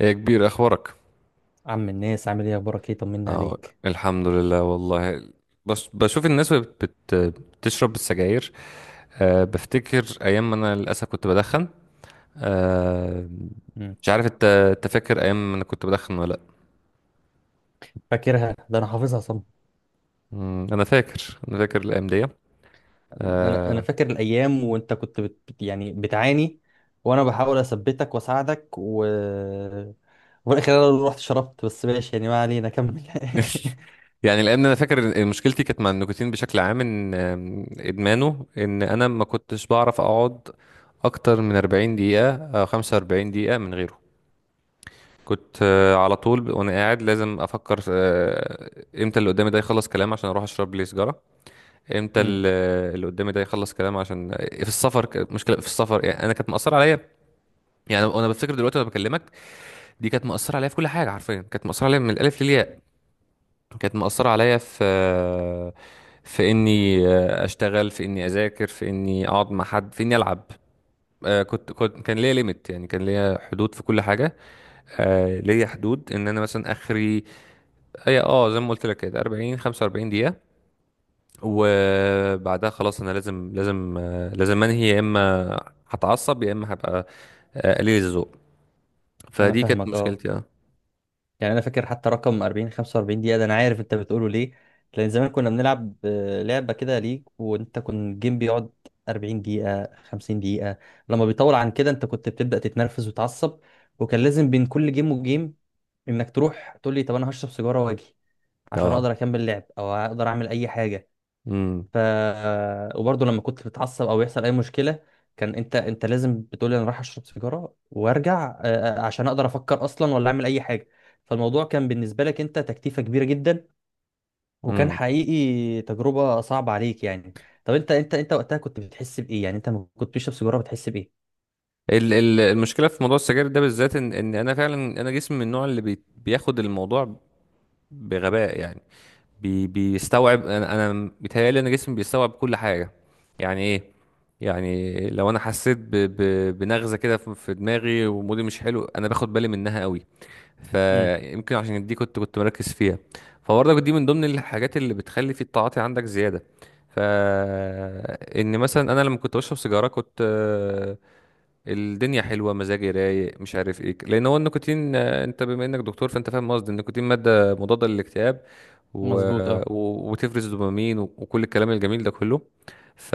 يا كبير، اخبارك؟ عم الناس عامل ايه؟ اخبارك ايه؟ طمني اه. عليك. الحمد لله والله. بس بشوف الناس وهي بتشرب السجاير. بفتكر ايام ما انا للاسف كنت بدخن. أه. مم. مش عارف انت فاكر ايام ما انا كنت بدخن ولا لا؟ فاكرها ده، انا حافظها صم. انا فاكر، انا فاكر الايام دي. انا أه. فاكر الايام وانت كنت يعني بتعاني، وانا بحاول اثبتك واساعدك و وفي الاخر انا اللي رحت شربت. بس ماشي يعني، ما علينا، كمل يعني الايام دي انا فاكر إن مشكلتي كانت مع النيكوتين بشكل عام، ان آم، ادمانه، ان انا ما كنتش بعرف اقعد اكتر من 40 دقيقة او 45 دقيقة من غيره. كنت على طول وانا قاعد لازم افكر امتى اللي قدامي ده يخلص كلام عشان اروح اشرب لي سيجاره. امتى مم. اللي قدامي ده يخلص كلام، عشان في السفر مشكله في السفر، يعني انا كانت مأثره عليا. يعني انا بفتكر دلوقتي وانا بكلمك، دي كانت مأثره عليا في كل حاجه، حرفيا كانت مأثره عليا من الالف للياء. كانت مأثره عليا في في اني اشتغل، في اني اذاكر، في اني اقعد مع حد، في اني العب. آه، كنت كنت كان ليا ليميت، يعني كان ليا حدود في كل حاجه. ليا حدود ان انا مثلا اخري. هي اه زي ما قلت لك كده 40 45 دقيقة، وبعدها خلاص انا لازم، لازم انهي. يا اما هتعصب، يا اما هبقى قليل الذوق. انا فدي كانت فاهمك، اه. مشكلتي اه. يعني انا فاكر حتى رقم 40 45 دقيقه، ده انا عارف انت بتقوله ليه. لان زمان كنا بنلعب لعبه كده ليج، وانت كنت الجيم بيقعد 40 دقيقه 50 دقيقه، لما بيطول عن كده انت كنت بتبدا تتنرفز وتعصب. وكان لازم بين كل جيم وجيم انك تروح تقول لي، طب انا هشرب سيجاره واجي عشان اه. اقدر اكمل لعب او اقدر اعمل اي حاجه. امم. ف وبرضه لما كنت بتعصب او يحصل اي مشكله، كان انت لازم بتقولي انا رايح اشرب سيجاره وارجع، عشان اقدر افكر اصلا ولا اعمل اي حاجه. فالموضوع كان بالنسبه لك انت تكتيفه كبيره جدا، وكان امم. حقيقي تجربه صعبه عليك يعني. طب انت وقتها كنت بتحس بايه؟ يعني انت لما كنت بتشرب سيجاره بتحس بايه؟ المشكله في موضوع السجاير ده بالذات، ان انا فعلا، انا جسمي من النوع اللي بياخد الموضوع بغباء يعني. بيستوعب، انا بيتهيألي ان جسمي بيستوعب كل حاجه. يعني ايه؟ يعني لو انا حسيت ب ب بنغزه كده في دماغي، ومودي مش حلو، انا باخد بالي منها قوي. امم. فيمكن عشان دي كنت مركز فيها. فبرضك دي من ضمن الحاجات اللي بتخلي في التعاطي عندك زيادة. ف ان مثلا انا لما كنت بشرب سيجارة كنت الدنيا حلوه، مزاجي رايق، مش عارف ايه. لان هو النيكوتين انت بما انك دكتور فانت فاهم قصدي، النيكوتين ماده مضاده للاكتئاب. و... مظبوط، اه. وتفرز دوبامين، وكل الكلام الجميل ده كله. ف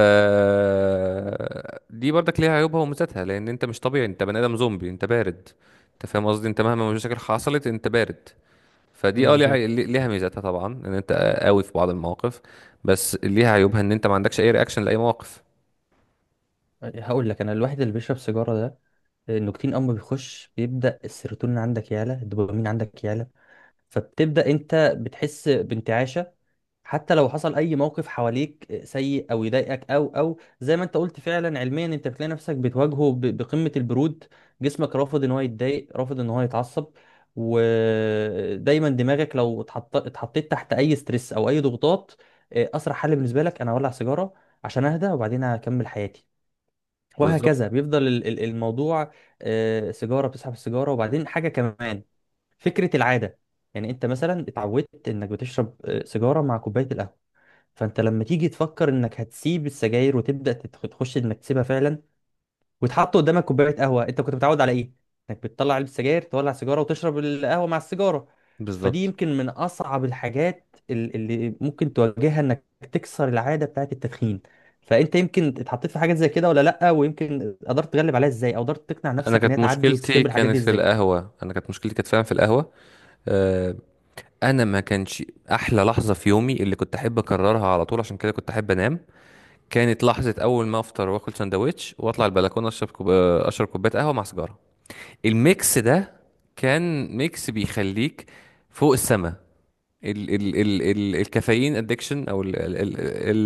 دي برضك ليها عيوبها وميزاتها. لان انت مش طبيعي، انت بني ادم زومبي، انت بارد. انت فاهم قصدي، انت مهما المشاكل حصلت انت بارد. فدي اه ليها مظبوط. ليها ميزاتها طبعا، ان انت قوي في بعض المواقف. بس ليها عيوبها، ان انت ما عندكش اي رياكشن لاي موقف. هقول لك، انا الواحد اللي بيشرب سيجاره ده، النيكوتين اما بيخش بيبدا السيروتونين عندك يعلى، الدوبامين عندك يعلى، فبتبدا انت بتحس بانتعاش. حتى لو حصل اي موقف حواليك سيء او يضايقك او زي ما انت قلت، فعلا علميا انت بتلاقي نفسك بتواجهه بقمة البرود. جسمك رافض ان هو يتضايق، رافض ان هو يتعصب. ودايما دماغك لو اتحطيت تحت اي ستريس او اي ضغوطات، اسرع حل بالنسبة لك انا اولع سيجارة عشان اهدى، وبعدين هكمل حياتي. وهكذا بالظبط. بيفضل الموضوع. سيجارة بتسحب السيجارة، وبعدين حاجة كمان، فكرة العادة. يعني انت مثلا اتعودت انك بتشرب سيجارة مع كوباية القهوة. فانت لما تيجي تفكر انك هتسيب السجاير وتبدا تخش انك تسيبها فعلا، وتحط قدامك كوبايه قهوه، انت كنت متعود على ايه؟ انك بتطلع علبه سجاير، تولع سيجاره وتشرب القهوه مع السيجاره. فدي بالظبط. يمكن من اصعب الحاجات اللي ممكن تواجهها، انك تكسر العاده بتاعه التدخين. فانت يمكن اتحطيت في حاجات زي كده ولا لا؟ ويمكن قدرت تغلب عليها ازاي، او قدرت تقنع انا نفسك ان كانت هي تعدي مشكلتي وتسكيب الحاجات كانت دي في ازاي؟ القهوه، انا كانت مشكلتي كانت فعلا في القهوه. آه، انا ما كانش... احلى لحظه في يومي اللي كنت احب اكررها على طول، عشان كده كنت احب انام، كانت لحظه اول ما افطر واكل سندوتش واطلع البلكونه اشرب كوب... آه، اشرب كوبايه قهوه مع سيجاره. الميكس ده كان ميكس بيخليك فوق السما. ال ال ال ال الكافيين ادكشن، او ال ال ال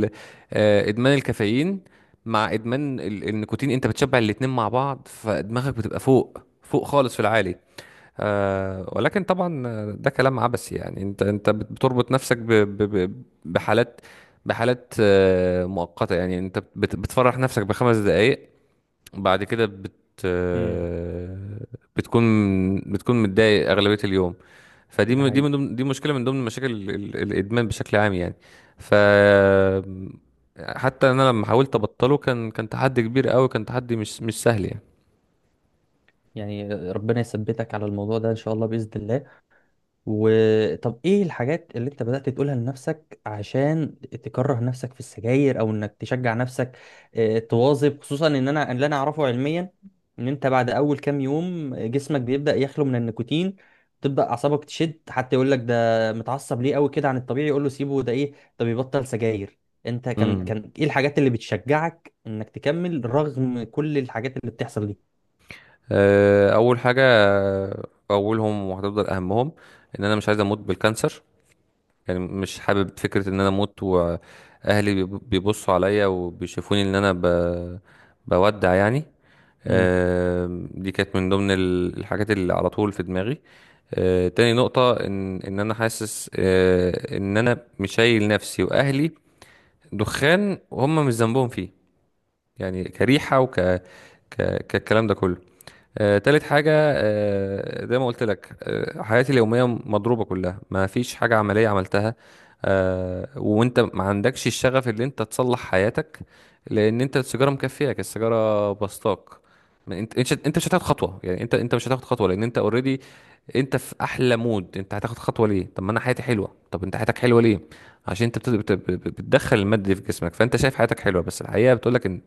ال آه، ادمان الكافيين مع ادمان النيكوتين. انت بتشبع الاتنين مع بعض، فدماغك بتبقى فوق، فوق خالص، في العالي. آه، ولكن طبعا ده كلام عبثي يعني. انت بتربط نفسك ب ب ب بحالات، بحالات آه مؤقتة. يعني انت بتفرح نفسك بخمس دقايق، بعد كده بت امم. آه، بتكون، بتكون متضايق أغلبية اليوم. فدي ده دي من حقيقي. ضمن، دي مشكله من ضمن مشاكل الادمان بشكل عام يعني. ف حتى انا لما حاولت ابطله كان تحدي كبير قوي، كان تحدي مش سهل يعني. يعني ربنا يثبتك على الموضوع ده ان شاء الله، باذن الله. وطب ايه الحاجات اللي انت بدأت تقولها لنفسك عشان تكره نفسك في السجاير، او انك تشجع نفسك تواظب؟ خصوصا ان انا اللي انا اعرفه علميا، ان انت بعد اول كام يوم جسمك بيبدأ يخلو من النيكوتين، تبدأ اعصابك تشد، حتى يقول لك ده متعصب ليه قوي كده عن الطبيعي، يقول له سيبه ده ايه، ده بيبطل سجاير. انت كان امم. كان ايه الحاجات اللي بتشجعك انك تكمل رغم كل الحاجات اللي بتحصل دي؟ اول حاجه، اولهم وهتفضل اهمهم، ان انا مش عايز اموت بالكانسر. يعني مش حابب فكره ان انا اموت واهلي بيبصوا عليا وبيشوفوني ان انا بودع يعني. امم. دي كانت من ضمن الحاجات اللي على طول في دماغي. تاني نقطة، إن أنا حاسس إن أنا مش شايل نفسي وأهلي دخان وهم مش ذنبهم فيه. يعني كريحة، كالكلام ده كله. تالت حاجة، زي ما قلت لك، حياتي اليومية مضروبة كلها، ما فيش حاجة عملية عملتها. وانت ما عندكش الشغف اللي انت تصلح حياتك، لان انت السيجارة مكفياك، السيجارة بسطاك. ما انت انت مش هتاخد خطوة، يعني انت مش هتاخد خطوة لان انت اوريدي. انت في احلى مود، انت هتاخد خطوة ليه؟ طب ما انا حياتي حلوة. طب انت حياتك حلوة ليه؟ عشان انت بتدخل المادة دي في جسمك، فانت شايف حياتك حلوة، بس الحقيقة بتقولك ان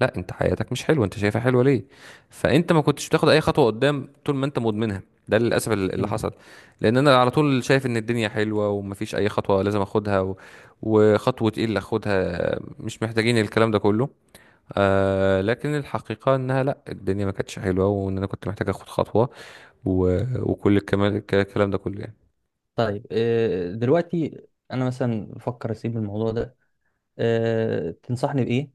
لا، انت حياتك مش حلوة. انت شايفها حلوة ليه؟ فانت ما كنتش بتاخد اي خطوه قدام طول ما انت مدمنها. ده للاسف اللي حصل. لان انا على طول شايف ان الدنيا حلوه ومفيش اي خطوه لازم اخدها. وخطوه ايه اللي اخدها، مش محتاجين الكلام ده كله. آه لكن الحقيقه انها لا، الدنيا ما كانتش حلوه، وان انا كنت محتاج اخد خطوه. و... وكل الكلام ده كله يعني. طيب دلوقتي انا مثلا بفكر اسيب الموضوع ده، تنصحني بإيه؟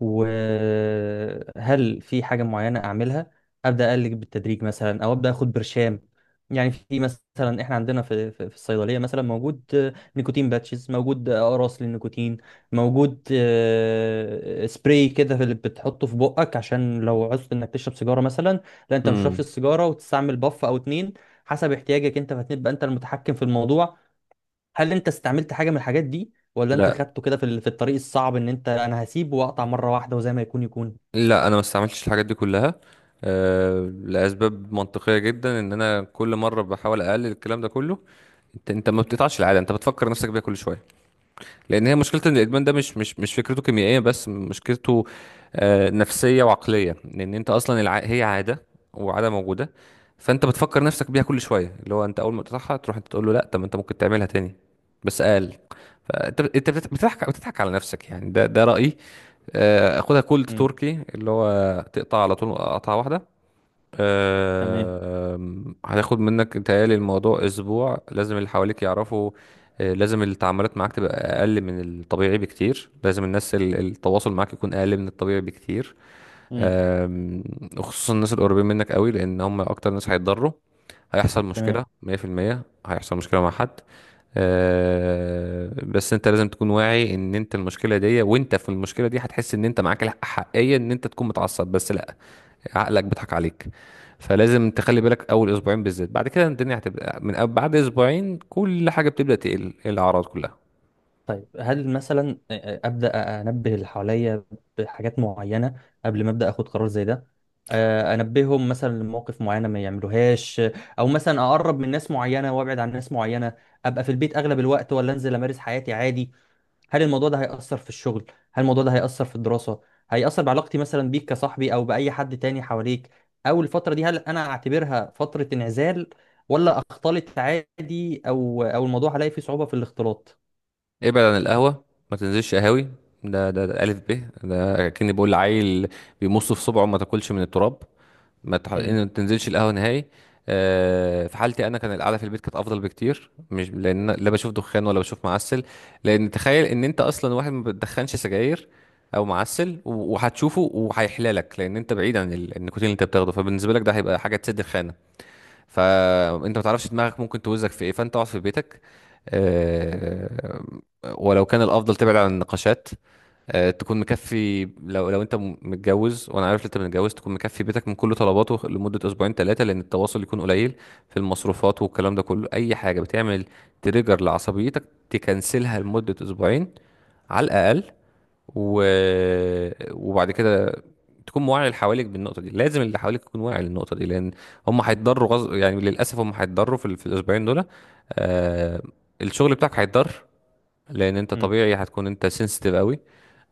وهل في حاجة معينة أعملها؟ أبدأ أقلل بالتدريج مثلا، أو أبدأ أخد برشام؟ يعني في مثلا، إحنا عندنا في الصيدلية مثلا موجود نيكوتين باتشز، موجود أقراص للنيكوتين، موجود سبراي كده في، اللي بتحطه في بقك عشان لو عوزت إنك تشرب سيجارة مثلا، لا أنت مش تشربش امم. السيجارة، وتستعمل باف أو اتنين حسب احتياجك أنت، فهتبقى أنت المتحكم في الموضوع. هل انت استعملت حاجه من الحاجات دي، ولا انت لا، خدته كده في في الطريق الصعب، ان انت انا هسيب واقطع مره واحده وزي ما يكون يكون؟ لا انا ما استعملتش الحاجات دي كلها. آه، لاسباب منطقيه جدا، ان انا كل مره بحاول اقلل الكلام ده كله. انت ما بتقطعش العاده، انت بتفكر نفسك بيها كل شويه. لان هي مشكله، ان الادمان ده مش فكرته كيميائيه بس، مشكلته نفسيه وعقليه. لان انت اصلا هي عاده، وعاده موجوده. فانت بتفكر نفسك بيها كل شويه، اللي هو انت اول ما تقطعها تروح انت تقول له لا، طب انت ممكن تعملها تاني بس اقل. فانت بتضحك، بتضحك على نفسك يعني. ده رايي. خدها كولد امم. تركي، اللي هو تقطع على طول قطعه واحده. تمام. هتاخد منك تهيألي الموضوع أسبوع. لازم اللي حواليك يعرفوا. لازم التعاملات معاك تبقى أقل من الطبيعي بكتير، لازم الناس التواصل معاك يكون أقل من الطبيعي بكتير. امم. آم، وخصوصا الناس القريبين منك قوي، لأن هم أكتر ناس هيتضروا. هيحصل تمام. مشكلة 100%، هيحصل مشكلة مع حد. بس انت لازم تكون واعي ان انت المشكله دي، وانت في المشكله دي هتحس ان انت معاك الحقيه ان انت تكون متعصب، بس لا، عقلك بيضحك عليك. فلازم تخلي بالك اول اسبوعين بالذات. بعد كده الدنيا هتبقى بعد اسبوعين كل حاجه بتبدا تقل، إيه الاعراض كلها. طيب هل مثلا ابدا انبه اللي حواليا بحاجات معينه قبل ما ابدا اخد قرار زي ده؟ انبههم مثلا لمواقف معينه ما يعملوهاش، او مثلا اقرب من ناس معينه وابعد عن ناس معينه؟ ابقى في البيت اغلب الوقت، ولا انزل امارس حياتي عادي؟ هل الموضوع ده هيأثر في الشغل؟ هل الموضوع ده هيأثر في الدراسة؟ هيأثر بعلاقتي مثلا بيك كصاحبي، او بأي حد تاني حواليك؟ او الفترة دي هل انا اعتبرها فترة انعزال، ولا اختلط عادي، او الموضوع هلاقي فيه صعوبة في الاختلاط؟ ابعد عن القهوة، ما تنزلش قهاوي. ده ألف ب. ده كأني بقول لعيل بيمص في صبعه ما تاكلش من التراب. ما تح... إن امم. ما تنزلش القهوة نهائي. في حالتي انا كان القعده في البيت كانت افضل بكتير، مش لان أنا لا بشوف دخان ولا بشوف معسل. لان تخيل ان انت اصلا واحد ما بتدخنش سجاير او معسل، وهتشوفه وهيحلالك، لان انت بعيد عن النيكوتين اللي انت بتاخده، فبالنسبه لك ده هيبقى حاجه تسد الخانه. فانت ما تعرفش دماغك ممكن توزك في ايه، فانت اقعد في بيتك. آه، ولو كان الافضل تبعد عن النقاشات. تكون مكفي، لو انت متجوز، وانا عارف إن انت متجوز، تكون مكفي بيتك من كل طلباته لمده اسبوعين ثلاثه، لان التواصل يكون قليل. في المصروفات والكلام ده كله، اي حاجه بتعمل تريجر لعصبيتك، تكنسلها لمده اسبوعين على الاقل. و... وبعد كده تكون واعي، اللي حواليك بالنقطه دي، لازم اللي حواليك يكون واعي للنقطه دي. لان هم هيتضروا يعني للاسف هم هيتضروا في الاسبوعين دول. آه... الشغل بتاعك هيتضر، لان انت امم. طبيعي هتكون انت سنسيتيف قوي.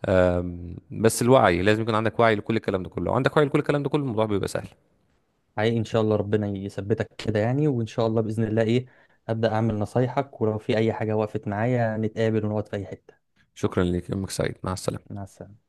بس الوعي لازم يكون عندك وعي لكل الكلام ده كله، لو عندك وعي لكل الكلام ده كله الموضوع بيبقى سهل. حقيقي ان شاء الله، ربنا يثبتك كده يعني، وان شاء الله بإذن الله، ايه، أبدأ اعمل نصايحك، ولو في اي حاجة وقفت معايا نتقابل ونقعد في اي حتة. شكرا ليك، يومك سعيد، مع السلامه. مع السلامة.